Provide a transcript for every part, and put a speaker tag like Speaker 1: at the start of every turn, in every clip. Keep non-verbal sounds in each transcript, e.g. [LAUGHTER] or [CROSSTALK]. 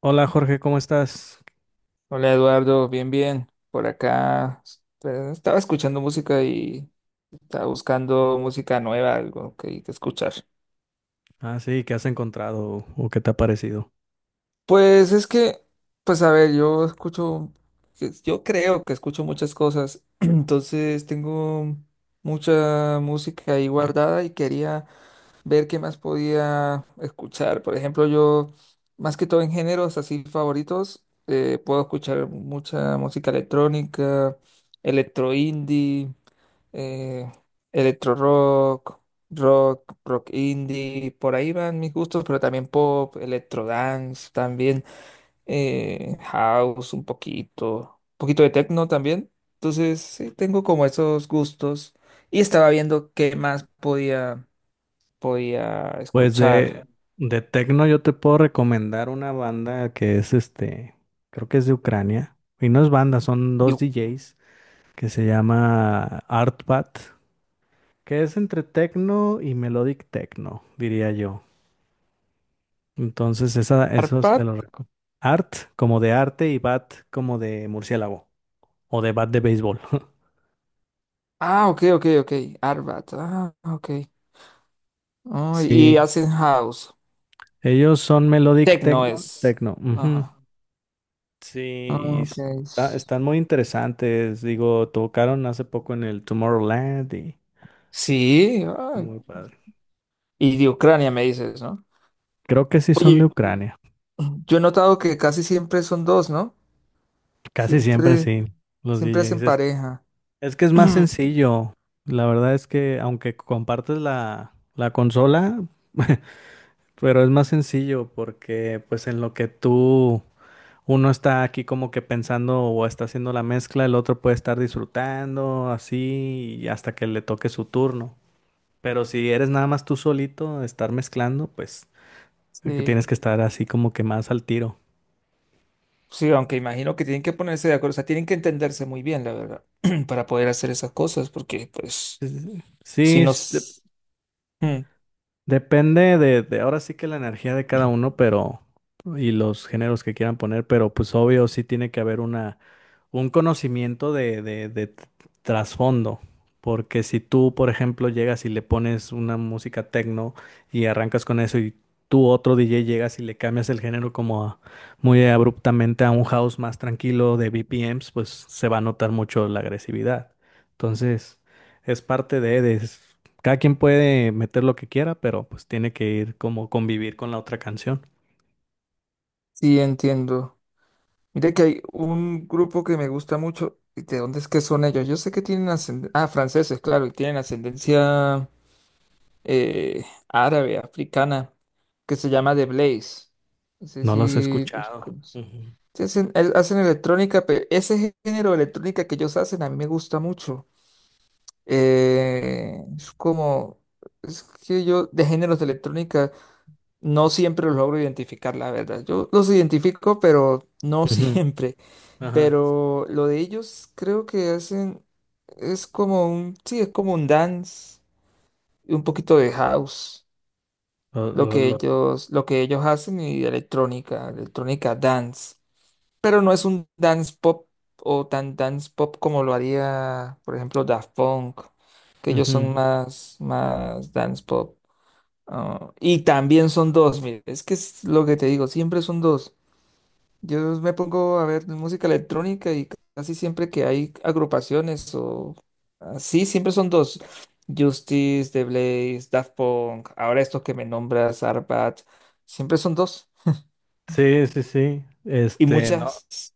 Speaker 1: Hola Jorge, ¿cómo estás?
Speaker 2: Hola Eduardo, bien, bien. Por acá estaba escuchando música y estaba buscando música nueva, algo que escuchar.
Speaker 1: Ah, sí, ¿qué has encontrado o qué te ha parecido?
Speaker 2: Pues es que, pues a ver, yo escucho, pues, yo creo que escucho muchas cosas, [CLEARS THROAT] entonces tengo mucha música ahí guardada y quería ver qué más podía escuchar. Por ejemplo, yo, más que todo en géneros así favoritos, puedo escuchar mucha música electrónica, electro indie. eh, Electro rock, rock indie, por ahí van mis gustos, pero también pop, electro dance, también house un poquito de techno también. Entonces, sí, tengo como esos gustos y estaba viendo qué más podía
Speaker 1: Pues
Speaker 2: escuchar.
Speaker 1: de tecno yo te puedo recomendar una banda que es este, creo que es de Ucrania, y no es banda, son dos
Speaker 2: Digo,
Speaker 1: DJs que se llama Artbat, que es entre tecno y melodic techno, diría yo. Entonces, esos te
Speaker 2: Arpad.
Speaker 1: los recomiendo. Art como de arte y bat como de murciélago o de bat de béisbol. [LAUGHS]
Speaker 2: Ah, ok, ok, ok. Arbat. Ah, ok. Ah, y
Speaker 1: Sí,
Speaker 2: hacen house.
Speaker 1: ellos son melodic
Speaker 2: Techno
Speaker 1: techno,
Speaker 2: es.
Speaker 1: techno. Ujú.
Speaker 2: Ajá.
Speaker 1: Sí,
Speaker 2: Ah,
Speaker 1: y
Speaker 2: ok.
Speaker 1: están muy interesantes. Digo, tocaron hace poco en el Tomorrowland y
Speaker 2: Sí, ay,
Speaker 1: muy padre.
Speaker 2: y de Ucrania me dices, ¿no?
Speaker 1: Creo que sí son de
Speaker 2: Oye,
Speaker 1: Ucrania.
Speaker 2: yo he notado que casi siempre son dos, ¿no?
Speaker 1: Casi siempre
Speaker 2: Siempre,
Speaker 1: sí, los
Speaker 2: siempre hacen
Speaker 1: DJs. Es,
Speaker 2: pareja.
Speaker 1: es que es más
Speaker 2: [CLEARS THROAT]
Speaker 1: sencillo. La verdad es que aunque compartes la consola, [LAUGHS] pero es más sencillo porque pues en lo que tú, uno está aquí como que pensando o está haciendo la mezcla, el otro puede estar disfrutando así y hasta que le toque su turno. Pero si eres nada más tú solito, estar mezclando, pues es que
Speaker 2: Sí,
Speaker 1: tienes que estar así como que más al tiro.
Speaker 2: sí, aunque imagino que tienen que ponerse de acuerdo, o sea, tienen que entenderse muy bien, la verdad, [CLEARS THROAT] para poder hacer esas cosas, porque pues, si
Speaker 1: Sí,
Speaker 2: nos... Mm,
Speaker 1: depende de ahora sí que la energía de cada uno, pero y los géneros que quieran poner, pero pues obvio sí tiene que haber una un conocimiento de trasfondo. Porque si tú, por ejemplo, llegas y le pones una música techno y arrancas con eso y tú otro DJ llegas y le cambias el género como muy abruptamente a un house más tranquilo de BPMs, pues se va a notar mucho la agresividad. Entonces, es parte de cada quien puede meter lo que quiera, pero pues tiene que ir como convivir con la otra canción.
Speaker 2: sí, entiendo. Mira que hay un grupo que me gusta mucho, ¿y de dónde es que son ellos? Yo sé que tienen ascendencia... Ah, franceses, claro, y tienen ascendencia árabe, africana, que se llama The Blaze. No sé
Speaker 1: No los he
Speaker 2: si los
Speaker 1: escuchado.
Speaker 2: conoces.
Speaker 1: Ujú.
Speaker 2: Sí, hacen, hacen electrónica, pero ese género de electrónica que ellos hacen a mí me gusta mucho. Eh, es como, es que yo de géneros de electrónica no siempre los logro identificar, la verdad. Yo los identifico, pero no [LAUGHS]
Speaker 1: Ujú,
Speaker 2: siempre.
Speaker 1: ajá.
Speaker 2: Pero lo de ellos creo que hacen, es como un, sí, es como un dance y un poquito de house.
Speaker 1: Lo-
Speaker 2: Lo
Speaker 1: lo-
Speaker 2: que
Speaker 1: lo-
Speaker 2: ellos, lo que ellos hacen y electrónica, electrónica dance. Pero no es un dance pop o tan dance pop como lo haría, por ejemplo, Daft Punk, que ellos
Speaker 1: Ujú.
Speaker 2: son más, más dance pop. Ah, y también son dos, mire, es que es lo que te digo, siempre son dos. Yo me pongo a ver música electrónica y casi siempre que hay agrupaciones o así, siempre son dos. Justice, The Blaze, Daft Punk, ahora estos que me nombras, Arbat, siempre son dos.
Speaker 1: Sí, sí, sí.
Speaker 2: Y
Speaker 1: Este, no,
Speaker 2: muchas.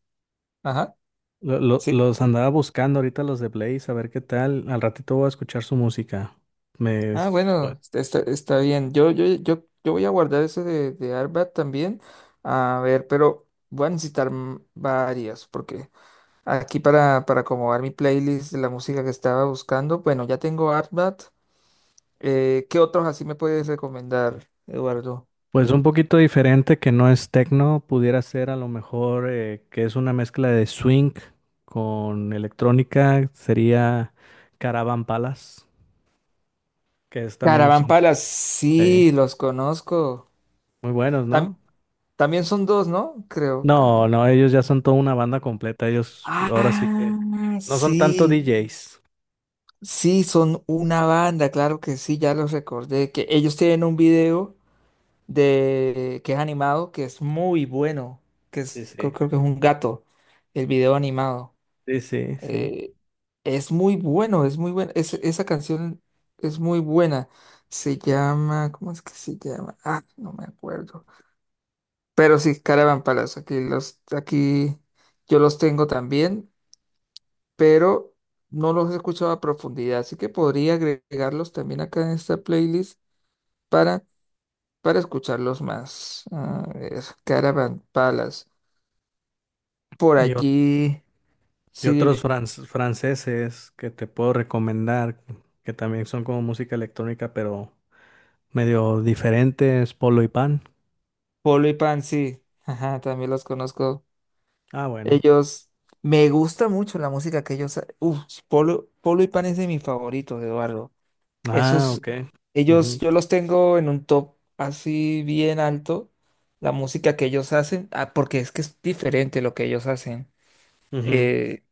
Speaker 2: Ajá,
Speaker 1: lo- lo-
Speaker 2: sí.
Speaker 1: los andaba buscando ahorita los de Blaze, a ver qué tal. Al ratito voy a escuchar su música. Me,
Speaker 2: Ah,
Speaker 1: su-
Speaker 2: bueno, está bien. Yo voy a guardar eso de Arbat también. A ver, pero voy a necesitar varias porque aquí para acomodar mi playlist de la música que estaba buscando, bueno, ya tengo Arbat. ¿Qué otros así me puedes recomendar, Eduardo?
Speaker 1: pues un poquito diferente que no es techno, pudiera ser a lo mejor que es una mezcla de swing con electrónica, sería Caravan Palace, que es también
Speaker 2: Caravan
Speaker 1: son
Speaker 2: sí,
Speaker 1: eh,
Speaker 2: los conozco.
Speaker 1: muy buenos,
Speaker 2: Tam-
Speaker 1: ¿no?
Speaker 2: también son dos, ¿no? Creo.
Speaker 1: No,
Speaker 2: Cara-
Speaker 1: no, ellos ya son toda una banda completa. Ellos ahora sí que
Speaker 2: Ah,
Speaker 1: no son tanto
Speaker 2: sí,
Speaker 1: DJs.
Speaker 2: sí, son una banda, claro que sí, ya los recordé. Que ellos tienen un video de que es animado, que es muy bueno, que
Speaker 1: Sí,
Speaker 2: es,
Speaker 1: sí.
Speaker 2: creo que es un gato, el video animado.
Speaker 1: Sí, sí, sí.
Speaker 2: Eh, es muy bueno, es muy buena. Esa canción es muy buena. Se llama, ¿cómo es que se llama? Ah, no me acuerdo. Pero sí, Caravan Palace. Aquí yo los tengo también, pero no los he escuchado a profundidad. Así que podría agregarlos también acá en esta playlist para, para escucharlos más. A ver, Caravan Palace. Por
Speaker 1: Y, o-
Speaker 2: allí,
Speaker 1: y
Speaker 2: sí,
Speaker 1: otros
Speaker 2: dime.
Speaker 1: franceses que te puedo recomendar, que también son como música electrónica, pero medio diferentes, Polo y Pan.
Speaker 2: Polo y Pan, sí. Ajá, también los conozco.
Speaker 1: Ah, bueno.
Speaker 2: Ellos, me gusta mucho la música que ellos, uf, Polo y Pan es de mis favoritos, Eduardo.
Speaker 1: Ah,
Speaker 2: Esos,
Speaker 1: ok.
Speaker 2: ellos,
Speaker 1: Ujú,
Speaker 2: yo los tengo en un top así bien alto, la música que ellos hacen, ah, porque es que es diferente lo que ellos hacen.
Speaker 1: ujú.
Speaker 2: Eh,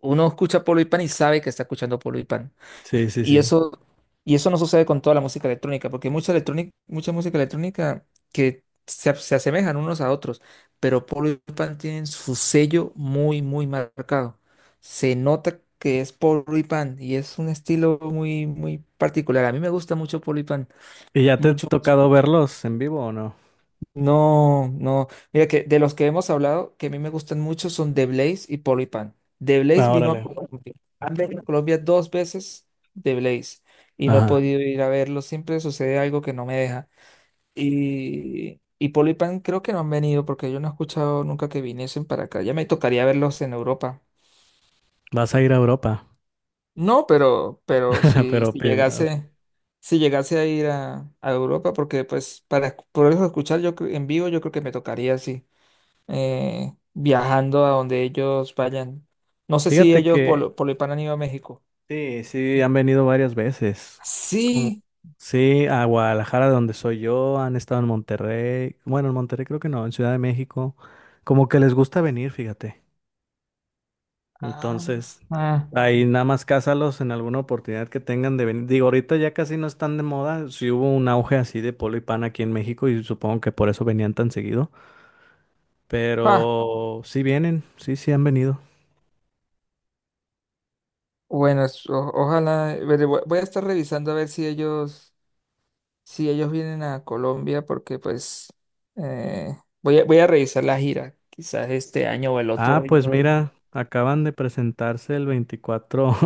Speaker 2: uno escucha Polo y Pan y sabe que está escuchando Polo y Pan.
Speaker 1: Sí, sí,
Speaker 2: Y
Speaker 1: sí.
Speaker 2: eso, y eso no sucede con toda la música electrónica, porque mucha electrónica, mucha música electrónica se asemejan unos a otros, pero Paul y Pan tienen su sello muy, muy marcado. Se nota que es Paul y Pan y es un estilo muy, muy particular. A mí me gusta mucho Paul y Pan,
Speaker 1: ¿Y ya te ha
Speaker 2: mucho, mucho.
Speaker 1: tocado verlos en vivo o no?
Speaker 2: No, no. Mira que de los que hemos hablado, que a mí me gustan mucho son The Blaze y Polipan. The Blaze
Speaker 1: Ah,
Speaker 2: vino a
Speaker 1: órale.
Speaker 2: Colombia. Han venido a Colombia dos veces The Blaze y no he
Speaker 1: Ajá.
Speaker 2: podido ir a verlo. Siempre sucede algo que no me deja. Y Polipan creo que no han venido porque yo no he escuchado nunca que viniesen para acá. Ya me tocaría verlos en Europa.
Speaker 1: Vas a ir a Europa.
Speaker 2: No, pero,
Speaker 1: [LAUGHS] Pero
Speaker 2: si
Speaker 1: pi-
Speaker 2: llegase, si llegase a ir a Europa, porque pues para poderlos escuchar yo en vivo, yo creo que me tocaría así. Viajando a donde ellos vayan. No sé si
Speaker 1: Fíjate
Speaker 2: ellos
Speaker 1: que
Speaker 2: por lo Hispano han ido a México.
Speaker 1: sí, sí, han venido varias veces. Como,
Speaker 2: Sí.
Speaker 1: sí, a Guadalajara, de donde soy yo, han estado en Monterrey. Bueno, en Monterrey creo que no, en Ciudad de México. Como que les gusta venir, fíjate.
Speaker 2: Ah,
Speaker 1: Entonces,
Speaker 2: ah,
Speaker 1: ahí nada más cásalos en alguna oportunidad que tengan de venir. Digo, ahorita ya casi no están de moda. Sí hubo un auge así de polo y pan aquí en México y supongo que por eso venían tan seguido.
Speaker 2: ah.
Speaker 1: Pero sí vienen, sí, sí han venido.
Speaker 2: Bueno, ojalá. Veré, voy a estar revisando a ver si ellos, si ellos vienen a Colombia, porque pues eh, voy a, voy a revisar la gira. Quizás este año o el otro
Speaker 1: Ah,
Speaker 2: año.
Speaker 1: pues mira, acaban de presentarse el 24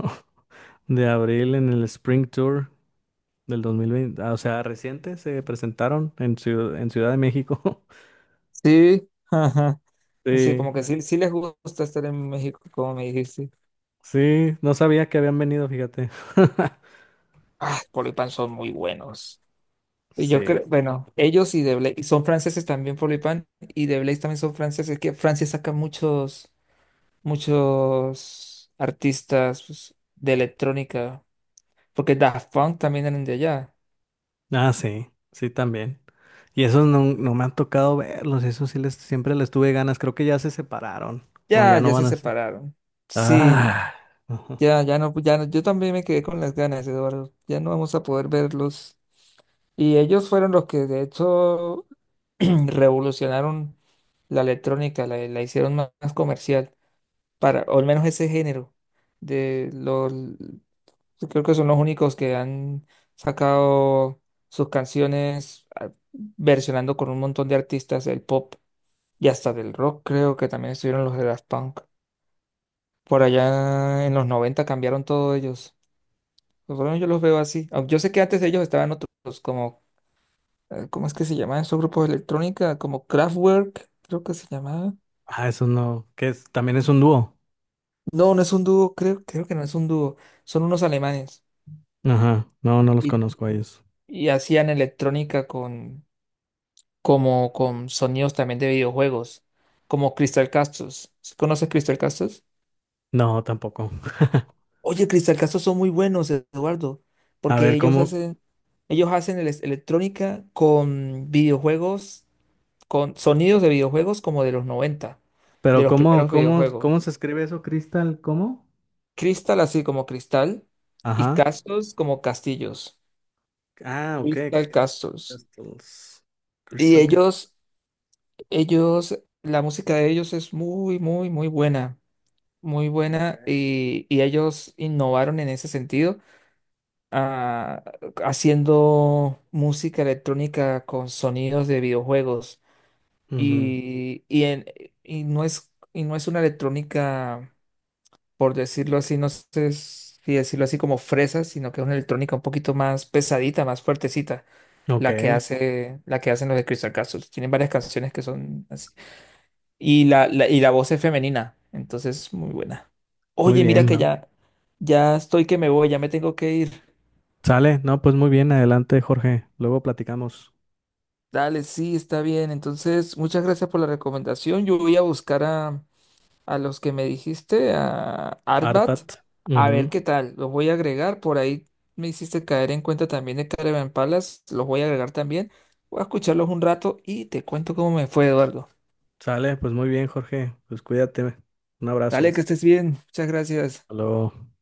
Speaker 1: de abril en el Spring Tour del 2020, ah, o sea, reciente se presentaron en Ciudad de México. [LAUGHS]
Speaker 2: Sí, ajá. Sí,
Speaker 1: Sí,
Speaker 2: como que sí, sí les gusta estar en México, como me dijiste.
Speaker 1: sí, no sabía que habían venido, fíjate. [LAUGHS]
Speaker 2: Ah, Colipan son muy buenos. Y yo
Speaker 1: Sí.
Speaker 2: creo, bueno, ellos y The Blaze son franceses también, Pan y The Blaze también son franceses, que Francia saca muchos, muchos artistas pues, de electrónica, porque Daft Punk también eran de allá.
Speaker 1: Ah, sí, sí también. Y esos no, no me han tocado verlos, esos sí les, siempre les tuve ganas, creo que ya se separaron o
Speaker 2: Ya,
Speaker 1: ya no
Speaker 2: ya se
Speaker 1: van a ser.
Speaker 2: separaron. Sí,
Speaker 1: Ah, [LAUGHS] ajá.
Speaker 2: ya no, ya no, yo también me quedé con las ganas, Eduardo. Ya no vamos a poder verlos. Y ellos fueron los que de hecho [CLEARS THROAT] revolucionaron la electrónica, la hicieron más más comercial. Para, o al menos ese género de los, yo creo que son los únicos que han sacado sus canciones versionando con un montón de artistas del pop y hasta del rock, creo que también estuvieron los de Daft Punk. Por allá en los 90 cambiaron todos ellos. Por lo menos yo los veo así. Aunque yo sé que antes de ellos estaban otros como, ¿cómo es que se llamaban esos grupos de electrónica? Como Kraftwerk, creo que se llamaba.
Speaker 1: Ah, esos no, que es, también es un dúo.
Speaker 2: No, no es un dúo, creo, creo que no es un dúo. Son unos alemanes.
Speaker 1: Ajá, no, no los
Speaker 2: Y
Speaker 1: conozco a ellos.
Speaker 2: y hacían electrónica con como con sonidos también de videojuegos, como Crystal Castles. ¿Conoces Crystal Castles?
Speaker 1: No, tampoco. [LAUGHS]
Speaker 2: Oye, Crystal Castles son muy buenos, Eduardo,
Speaker 1: A
Speaker 2: porque
Speaker 1: ver, ¿cómo?
Speaker 2: ellos hacen electrónica con videojuegos, con sonidos de videojuegos como de los 90 de
Speaker 1: Pero
Speaker 2: los
Speaker 1: ¿cómo,
Speaker 2: primeros
Speaker 1: cómo,
Speaker 2: videojuegos.
Speaker 1: cómo se escribe eso, Crystal? ¿Cómo?
Speaker 2: Crystal así como cristal y
Speaker 1: Ajá.
Speaker 2: Castles como castillos.
Speaker 1: Ah, ok.
Speaker 2: Crystal
Speaker 1: Crystal
Speaker 2: Castles.
Speaker 1: Castles.
Speaker 2: Y
Speaker 1: Crystal Castles.
Speaker 2: ellos Ellos, la música de ellos es muy, muy, muy
Speaker 1: Ok.
Speaker 2: buena y ellos innovaron en ese sentido, ah, haciendo música electrónica con sonidos de videojuegos
Speaker 1: Ujú.
Speaker 2: y, y, en- y y no es una electrónica, por decirlo así, no sé si decirlo así como fresa, sino que es una electrónica un poquito más pesadita, más fuertecita,
Speaker 1: Ok.
Speaker 2: la que hacen los de Crystal Castles. Tienen varias canciones que son así y y la voz es femenina, entonces muy buena.
Speaker 1: Muy
Speaker 2: Oye, mira
Speaker 1: bien,
Speaker 2: que
Speaker 1: ¿no?
Speaker 2: ya, ya estoy que me voy, ya me tengo que ir.
Speaker 1: Sale. No, pues muy bien. Adelante, Jorge. Luego platicamos.
Speaker 2: Dale, sí, está bien. Entonces, muchas gracias por la recomendación. Yo voy a buscar a los que me dijiste, a Arbat,
Speaker 1: Artat.
Speaker 2: a
Speaker 1: Ujú.
Speaker 2: ver qué tal. Los voy a agregar. Por ahí me hiciste caer en cuenta también de Caravan Palace. Los voy a agregar también. Voy a escucharlos un rato y te cuento cómo me fue, Eduardo.
Speaker 1: Sale. Pues muy bien, Jorge. Pues cuídate. Un
Speaker 2: Dale,
Speaker 1: abrazo.
Speaker 2: que estés bien. Muchas gracias.
Speaker 1: Hasta luego.